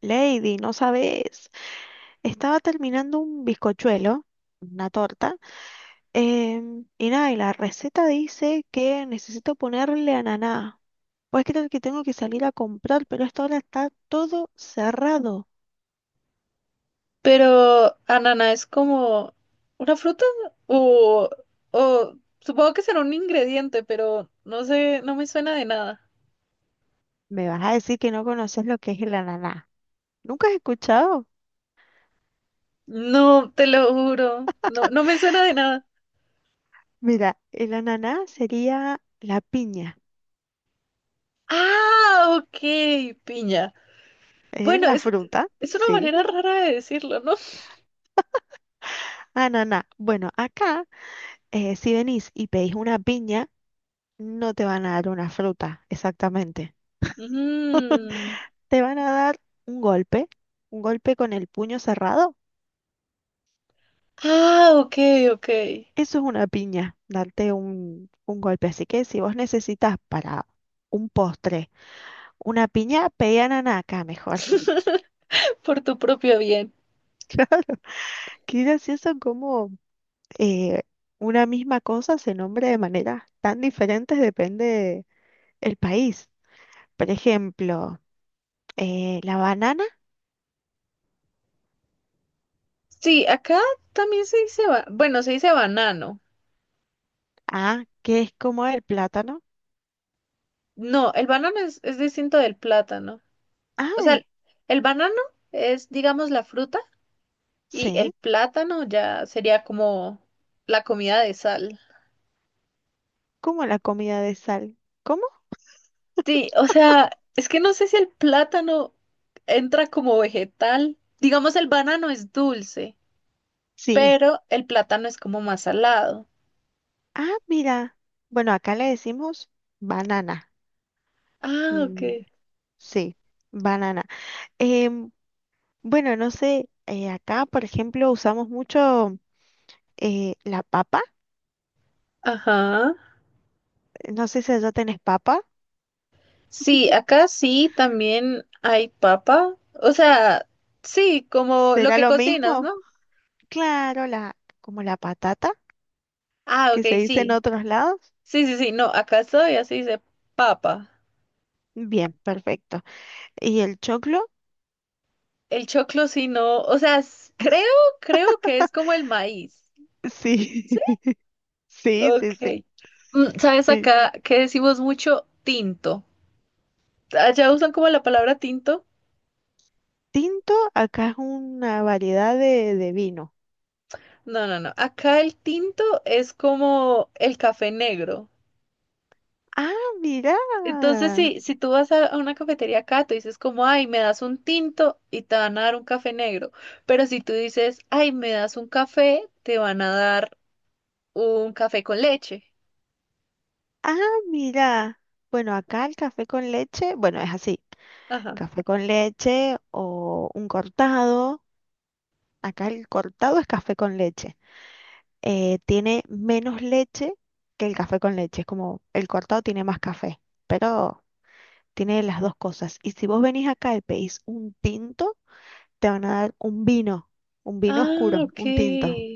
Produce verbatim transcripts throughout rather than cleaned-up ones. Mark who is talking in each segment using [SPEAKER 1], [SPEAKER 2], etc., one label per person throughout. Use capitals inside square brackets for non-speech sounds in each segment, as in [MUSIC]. [SPEAKER 1] Lady, no sabes. Estaba terminando un bizcochuelo, una torta, em, y nada, y la receta dice que necesito ponerle ananá. Pues creer que tengo que salir a comprar, pero hasta ahora está todo cerrado.
[SPEAKER 2] Pero, ¿ananá es como una fruta? O, o supongo que será un ingrediente, pero no sé, no me suena de nada.
[SPEAKER 1] Me vas a decir que no conoces lo que es el ananá. ¿Nunca has escuchado?
[SPEAKER 2] No, te lo juro. No, no me suena de nada.
[SPEAKER 1] Mira, el ananá sería la piña,
[SPEAKER 2] Ah, ok, piña.
[SPEAKER 1] es
[SPEAKER 2] Bueno,
[SPEAKER 1] la
[SPEAKER 2] es,
[SPEAKER 1] fruta,
[SPEAKER 2] es una
[SPEAKER 1] sí.
[SPEAKER 2] manera rara de decirlo, ¿no?
[SPEAKER 1] Ananá. Bueno, acá, eh, si venís y pedís una piña, no te van a dar una fruta, exactamente.
[SPEAKER 2] Mm.
[SPEAKER 1] Te van a dar un golpe, un golpe con el puño cerrado.
[SPEAKER 2] Ah, ok, ok.
[SPEAKER 1] Eso es una piña, darte un, un golpe. Así que si vos necesitas para un postre una piña, pedí acá mejor.
[SPEAKER 2] [LAUGHS] Por tu propio bien.
[SPEAKER 1] [LAUGHS] Qué gracioso cómo eh, una misma cosa se nombra de maneras tan diferentes depende el país. Por ejemplo, eh, la banana,
[SPEAKER 2] Sí, acá también se dice, ba- bueno, se dice banano.
[SPEAKER 1] ah, que es como el plátano.
[SPEAKER 2] No, el banano es, es distinto del plátano. O sea,
[SPEAKER 1] Ay,
[SPEAKER 2] el banano es, digamos, la fruta y el
[SPEAKER 1] sí.
[SPEAKER 2] plátano ya sería como la comida de sal.
[SPEAKER 1] ¿Cómo la comida de sal? ¿Cómo?
[SPEAKER 2] Sí, o sea, es que no sé si el plátano entra como vegetal. Digamos, el banano es dulce,
[SPEAKER 1] Sí.
[SPEAKER 2] pero el plátano es como más salado.
[SPEAKER 1] Ah, mira. Bueno, acá le decimos banana.
[SPEAKER 2] Ah, ok.
[SPEAKER 1] Mm, sí, banana. Em, bueno, no sé, eh, acá, por ejemplo, usamos mucho eh, la papa.
[SPEAKER 2] Ajá.
[SPEAKER 1] No sé si allá tenés papa.
[SPEAKER 2] Sí, acá sí también hay papa. O sea, sí, como lo
[SPEAKER 1] ¿Será
[SPEAKER 2] que
[SPEAKER 1] lo
[SPEAKER 2] cocinas,
[SPEAKER 1] mismo?
[SPEAKER 2] ¿no?
[SPEAKER 1] Claro, la, como la patata,
[SPEAKER 2] Ah,
[SPEAKER 1] que se
[SPEAKER 2] ok,
[SPEAKER 1] dice en
[SPEAKER 2] sí.
[SPEAKER 1] otros lados.
[SPEAKER 2] Sí, sí, sí, no, acá todavía se dice papa.
[SPEAKER 1] Bien, perfecto. ¿Y el choclo?
[SPEAKER 2] El choclo sí no, o sea, s- creo, creo que es
[SPEAKER 1] [LAUGHS]
[SPEAKER 2] como el maíz.
[SPEAKER 1] Sí,
[SPEAKER 2] ¿Sí?
[SPEAKER 1] [LAUGHS] sí,
[SPEAKER 2] Ok.
[SPEAKER 1] sí, sí,
[SPEAKER 2] Mm, ¿sabes
[SPEAKER 1] sí.
[SPEAKER 2] acá que decimos mucho tinto? ¿Allá usan como la palabra tinto?
[SPEAKER 1] Tinto, acá es una variedad de, de vino.
[SPEAKER 2] No, no, no. Acá el tinto es como el café negro.
[SPEAKER 1] Ah, mira.
[SPEAKER 2] Entonces, sí, si tú vas a a una cafetería acá, tú dices como, ay, me das un tinto y te van a dar un café negro. Pero si tú dices, ay, me das un café, te van a dar un café con leche.
[SPEAKER 1] Ah, mira. Bueno, acá el café con leche, bueno, es así.
[SPEAKER 2] Ajá.
[SPEAKER 1] Café con leche o un cortado. Acá el cortado es café con leche. Eh, tiene menos leche que el café con leche. Es como el cortado tiene más café, pero tiene las dos cosas. Y si vos venís acá y pedís un tinto, te van a dar un vino, un vino
[SPEAKER 2] Ah,
[SPEAKER 1] oscuro,
[SPEAKER 2] ok.
[SPEAKER 1] un tinto.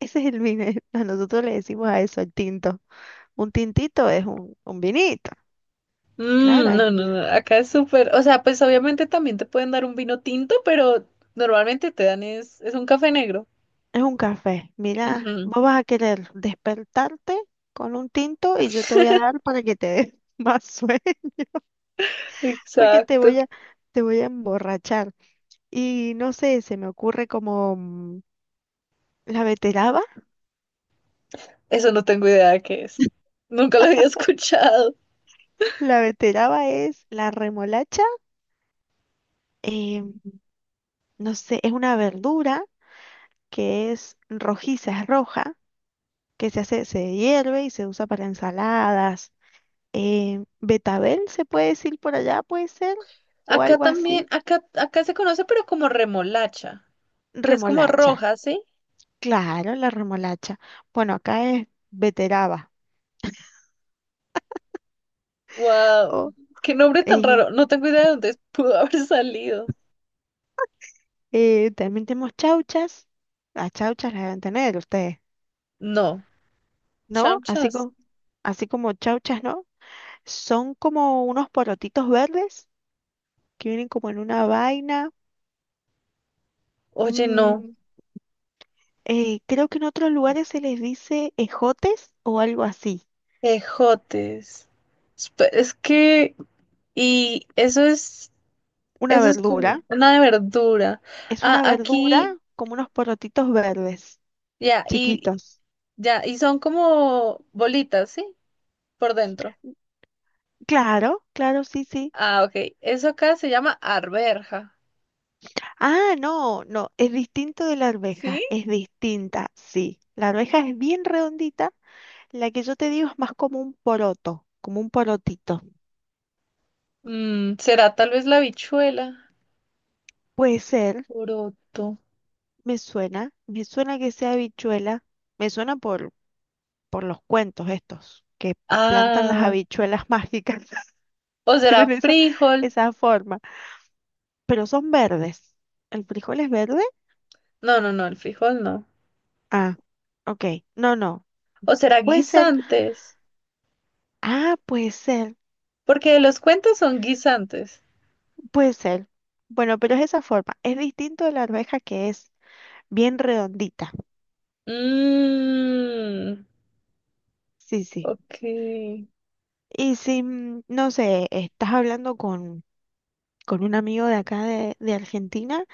[SPEAKER 1] Ese es el vino. Eh, [LAUGHS] a Nosotros le decimos a eso el tinto. Un tintito es un, un vinito. Claro,
[SPEAKER 2] Mm,
[SPEAKER 1] eh,
[SPEAKER 2] no, no, no, acá es súper, o sea, pues obviamente también te pueden dar un vino tinto, pero normalmente te dan es, es un café negro.
[SPEAKER 1] es un café. Mira,
[SPEAKER 2] Ujú.
[SPEAKER 1] vos vas a querer despertarte con un tinto y yo te voy a dar para que te des [LAUGHS] más sueño,
[SPEAKER 2] [LAUGHS]
[SPEAKER 1] porque te
[SPEAKER 2] Exacto.
[SPEAKER 1] voy a, te voy a emborrachar. Y no sé, se me ocurre como mm, la beteraba.
[SPEAKER 2] Eso no tengo idea de qué es. Nunca lo había [LAUGHS] escuchado.
[SPEAKER 1] La beteraba es la remolacha. eh, no sé, es una verdura que es rojiza, es roja que se hace, se hierve y se usa para ensaladas. Eh, betabel se puede decir por allá, puede ser, o
[SPEAKER 2] Acá
[SPEAKER 1] algo
[SPEAKER 2] también,
[SPEAKER 1] así.
[SPEAKER 2] acá, acá se conoce, pero como remolacha, que es como
[SPEAKER 1] Remolacha,
[SPEAKER 2] roja, ¿sí?
[SPEAKER 1] claro, la remolacha. Bueno, acá es beteraba.
[SPEAKER 2] Wow,
[SPEAKER 1] O,
[SPEAKER 2] qué nombre tan
[SPEAKER 1] eh,
[SPEAKER 2] raro. No tengo idea de dónde [LAUGHS] pudo haber salido.
[SPEAKER 1] eh, también tenemos chauchas. Las chauchas las deben tener ustedes,
[SPEAKER 2] No,
[SPEAKER 1] ¿no? Así
[SPEAKER 2] chamchas.
[SPEAKER 1] como, así como chauchas, ¿no? Son como unos porotitos verdes que vienen como en una vaina.
[SPEAKER 2] Oye, no,
[SPEAKER 1] Mm, eh, creo que en otros lugares se les dice ejotes o algo así.
[SPEAKER 2] ejotes. Espe- Es que, y eso es...
[SPEAKER 1] Una
[SPEAKER 2] Eso es
[SPEAKER 1] verdura.
[SPEAKER 2] como una de verdura.
[SPEAKER 1] Es
[SPEAKER 2] Ah,
[SPEAKER 1] una
[SPEAKER 2] aquí,
[SPEAKER 1] verdura como unos porotitos verdes,
[SPEAKER 2] ya, y
[SPEAKER 1] chiquitos.
[SPEAKER 2] ya, y son como bolitas, ¿sí? Por dentro.
[SPEAKER 1] Claro, claro, sí, sí.
[SPEAKER 2] Ah, ok. Eso acá se llama arberja.
[SPEAKER 1] Ah, no, no, es distinto de la
[SPEAKER 2] ¿Sí?
[SPEAKER 1] arveja, es distinta, sí. La arveja es bien redondita, la que yo te digo es más como un poroto, como un porotito.
[SPEAKER 2] Mm, será tal vez la habichuela.
[SPEAKER 1] Puede ser,
[SPEAKER 2] Poroto.
[SPEAKER 1] me suena, me suena que sea habichuela, me suena por, por los cuentos estos, que plantan las
[SPEAKER 2] Ah,
[SPEAKER 1] habichuelas mágicas, [LAUGHS]
[SPEAKER 2] o será
[SPEAKER 1] tienen esa,
[SPEAKER 2] frijol.
[SPEAKER 1] esa forma, pero son verdes. El frijol es verde.
[SPEAKER 2] No, no, no, el frijol no.
[SPEAKER 1] Ah, ok. No, no.
[SPEAKER 2] O será
[SPEAKER 1] Puede ser.
[SPEAKER 2] guisantes.
[SPEAKER 1] Ah, puede ser.
[SPEAKER 2] Porque los cuentos son guisantes.
[SPEAKER 1] Puede ser. Bueno, pero es esa forma. Es distinto de la arveja que es bien redondita.
[SPEAKER 2] Mmm,
[SPEAKER 1] Sí, sí.
[SPEAKER 2] ok.
[SPEAKER 1] Y si, mm, no sé, estás hablando con, con un amigo de acá de, de Argentina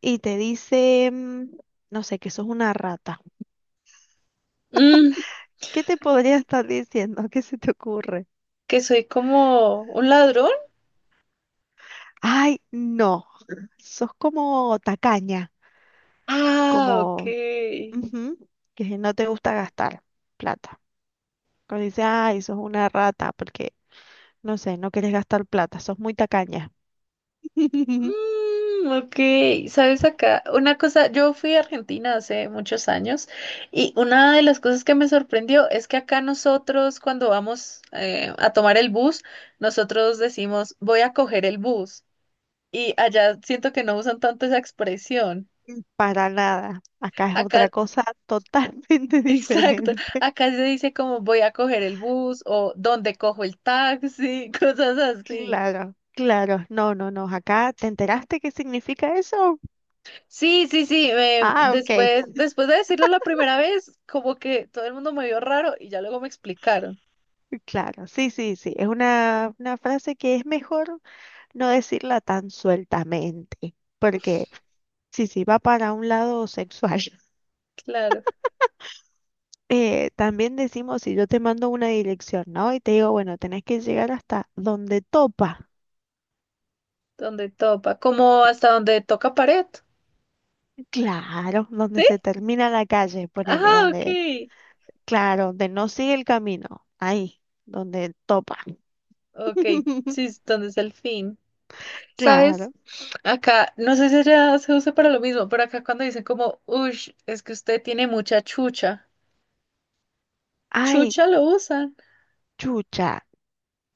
[SPEAKER 1] y te dice, mm, no sé, que sos una rata.
[SPEAKER 2] Mmm,
[SPEAKER 1] ¿Qué te podría estar diciendo? ¿Qué se te ocurre?
[SPEAKER 2] que soy como un ladrón.
[SPEAKER 1] Ay, no. Sos como tacaña,
[SPEAKER 2] Ah, ok.
[SPEAKER 1] como ujú, que no te gusta gastar plata. Cuando dice, ay, sos una rata, porque, no sé, no querés gastar plata, sos muy tacaña. [LAUGHS]
[SPEAKER 2] Mm, ok, sabes acá, una cosa, yo fui a Argentina hace muchos años y una de las cosas que me sorprendió es que acá nosotros cuando vamos eh, a tomar el bus, nosotros decimos voy a coger el bus y allá siento que no usan tanto esa expresión.
[SPEAKER 1] Para nada. Acá es otra
[SPEAKER 2] Acá,
[SPEAKER 1] cosa totalmente [LAUGHS]
[SPEAKER 2] [LAUGHS] exacto,
[SPEAKER 1] diferente.
[SPEAKER 2] acá se dice como voy a coger el bus o dónde cojo el taxi, [LAUGHS] cosas así.
[SPEAKER 1] Claro, claro. No, no, no. Acá, ¿te enteraste qué significa eso?
[SPEAKER 2] Sí, sí, sí. eh,
[SPEAKER 1] Ah, ok.
[SPEAKER 2] después, después de decirlo la primera vez, como que todo el mundo me vio raro y ya luego me explicaron.
[SPEAKER 1] Claro, sí, sí, sí. Es una, una frase que es mejor no decirla tan sueltamente, porque sí, sí, va para un lado sexual.
[SPEAKER 2] Claro,
[SPEAKER 1] Eh, también decimos, si yo te mando una dirección, ¿no? Y te digo, bueno, tenés que llegar hasta donde topa,
[SPEAKER 2] donde topa, como hasta donde toca pared.
[SPEAKER 1] claro, donde
[SPEAKER 2] ¿Sí?
[SPEAKER 1] se termina la calle, ponele,
[SPEAKER 2] Ah,
[SPEAKER 1] donde,
[SPEAKER 2] ok.
[SPEAKER 1] claro, donde no sigue el camino, ahí, donde topa.
[SPEAKER 2] Ok,
[SPEAKER 1] [LAUGHS]
[SPEAKER 2] sí, es donde es el fin. ¿Sabes?
[SPEAKER 1] Claro.
[SPEAKER 2] Acá, no sé si ya se usa para lo mismo, pero acá cuando dicen como, ush, es que usted tiene mucha chucha.
[SPEAKER 1] Ay,
[SPEAKER 2] Chucha lo usan.
[SPEAKER 1] chucha.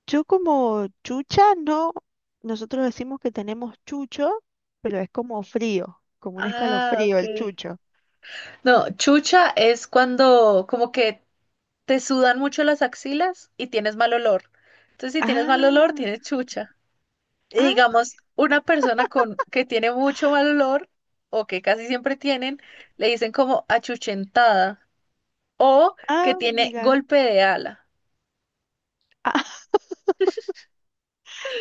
[SPEAKER 1] Yo como chucha, no, nosotros decimos que tenemos chucho, pero es como frío, como un
[SPEAKER 2] Ah,
[SPEAKER 1] escalofrío
[SPEAKER 2] ok.
[SPEAKER 1] el chucho.
[SPEAKER 2] No, chucha es cuando como que te sudan mucho las axilas y tienes mal olor. Entonces, si tienes mal olor,
[SPEAKER 1] Ah,
[SPEAKER 2] tienes chucha. Y
[SPEAKER 1] ah,
[SPEAKER 2] digamos, una persona con que tiene mucho mal olor o que casi siempre tienen, le dicen como achuchentada o que
[SPEAKER 1] ah,
[SPEAKER 2] tiene
[SPEAKER 1] mira.
[SPEAKER 2] golpe de ala.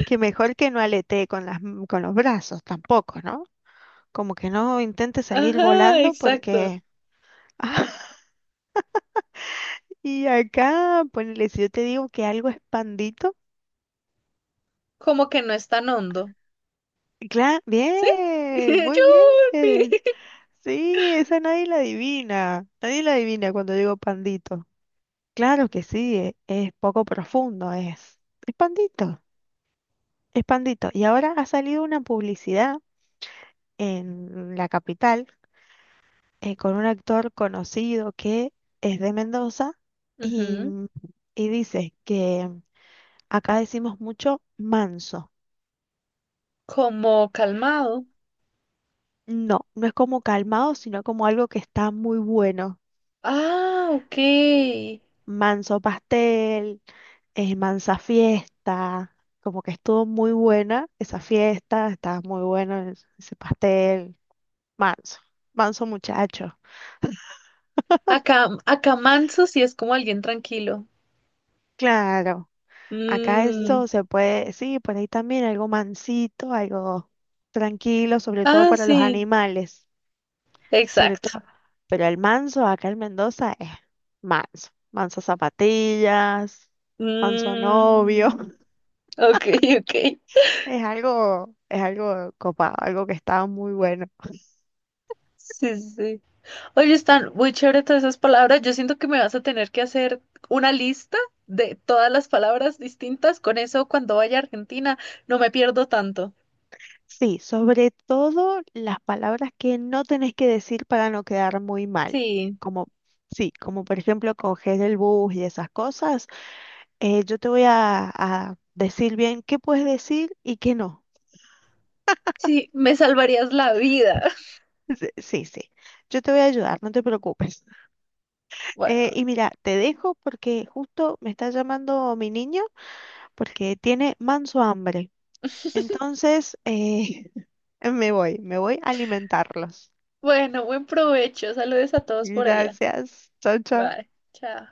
[SPEAKER 1] Que mejor que no aletee con las, m- con los brazos tampoco, ¿no? Como que no intente salir
[SPEAKER 2] Ajá,
[SPEAKER 1] volando
[SPEAKER 2] exacto.
[SPEAKER 1] porque... [LAUGHS] Y acá, ponele, si yo te digo que algo es pandito,
[SPEAKER 2] Como que no es tan hondo.
[SPEAKER 1] claro,
[SPEAKER 2] ¿Sí?
[SPEAKER 1] bien,
[SPEAKER 2] [LAUGHS]
[SPEAKER 1] muy bien.
[SPEAKER 2] Yupi.
[SPEAKER 1] Sí, esa nadie la adivina. Nadie la adivina cuando digo pandito. Claro que sí, e- es, poco profundo, es. Es pandito, es pandito. Y ahora ha salido una publicidad en la capital eh, con un actor conocido que es de Mendoza y,
[SPEAKER 2] Ujú.
[SPEAKER 1] mm, y dice que mm, acá decimos mucho manso.
[SPEAKER 2] Como calmado.
[SPEAKER 1] No, no es como calmado, sino como algo que está muy bueno.
[SPEAKER 2] Ah, ok.
[SPEAKER 1] Manso pastel, eh, mansa fiesta, como que estuvo muy buena esa fiesta, estaba muy bueno es- ese pastel. Manso, manso muchacho.
[SPEAKER 2] Acá, acá manso sí es como alguien tranquilo.
[SPEAKER 1] Claro. Acá
[SPEAKER 2] Mm.
[SPEAKER 1] esto se puede, sí, por ahí también algo mansito, algo tranquilo, sobre todo
[SPEAKER 2] Ah,
[SPEAKER 1] para los
[SPEAKER 2] sí,
[SPEAKER 1] animales, sobre
[SPEAKER 2] exacto.
[SPEAKER 1] todo. Pero el manso acá en Mendoza es manso, manso zapatillas, manso novio,
[SPEAKER 2] Mm,
[SPEAKER 1] [LAUGHS]
[SPEAKER 2] ok, [LAUGHS] ok.
[SPEAKER 1] es algo, es algo copado, algo que está muy bueno.
[SPEAKER 2] Sí, sí, sí. Oye, están muy chévere todas esas palabras. Yo siento que me vas a tener que hacer una lista de todas las palabras distintas. Con eso, cuando vaya a Argentina, no me pierdo tanto.
[SPEAKER 1] Sí, sobre todo las palabras que no tenés que decir para no quedar muy mal,
[SPEAKER 2] Sí,
[SPEAKER 1] como, sí, como por ejemplo coger el bus y esas cosas. Eh, yo te voy a, a decir bien qué puedes decir y qué no.
[SPEAKER 2] sí, me salvarías la vida. [LAUGHS]
[SPEAKER 1] Sí, sí. sí. Yo te voy a ayudar, no te preocupes.
[SPEAKER 2] Bueno,
[SPEAKER 1] Eh, y mira, te dejo porque justo me está llamando mi niño porque tiene manso hambre. Entonces, eh, [LAUGHS] me voy, me voy a alimentarlos.
[SPEAKER 2] bueno, buen provecho. Saludes a todos por allá.
[SPEAKER 1] Gracias. Chao, chao.
[SPEAKER 2] Bye, chao.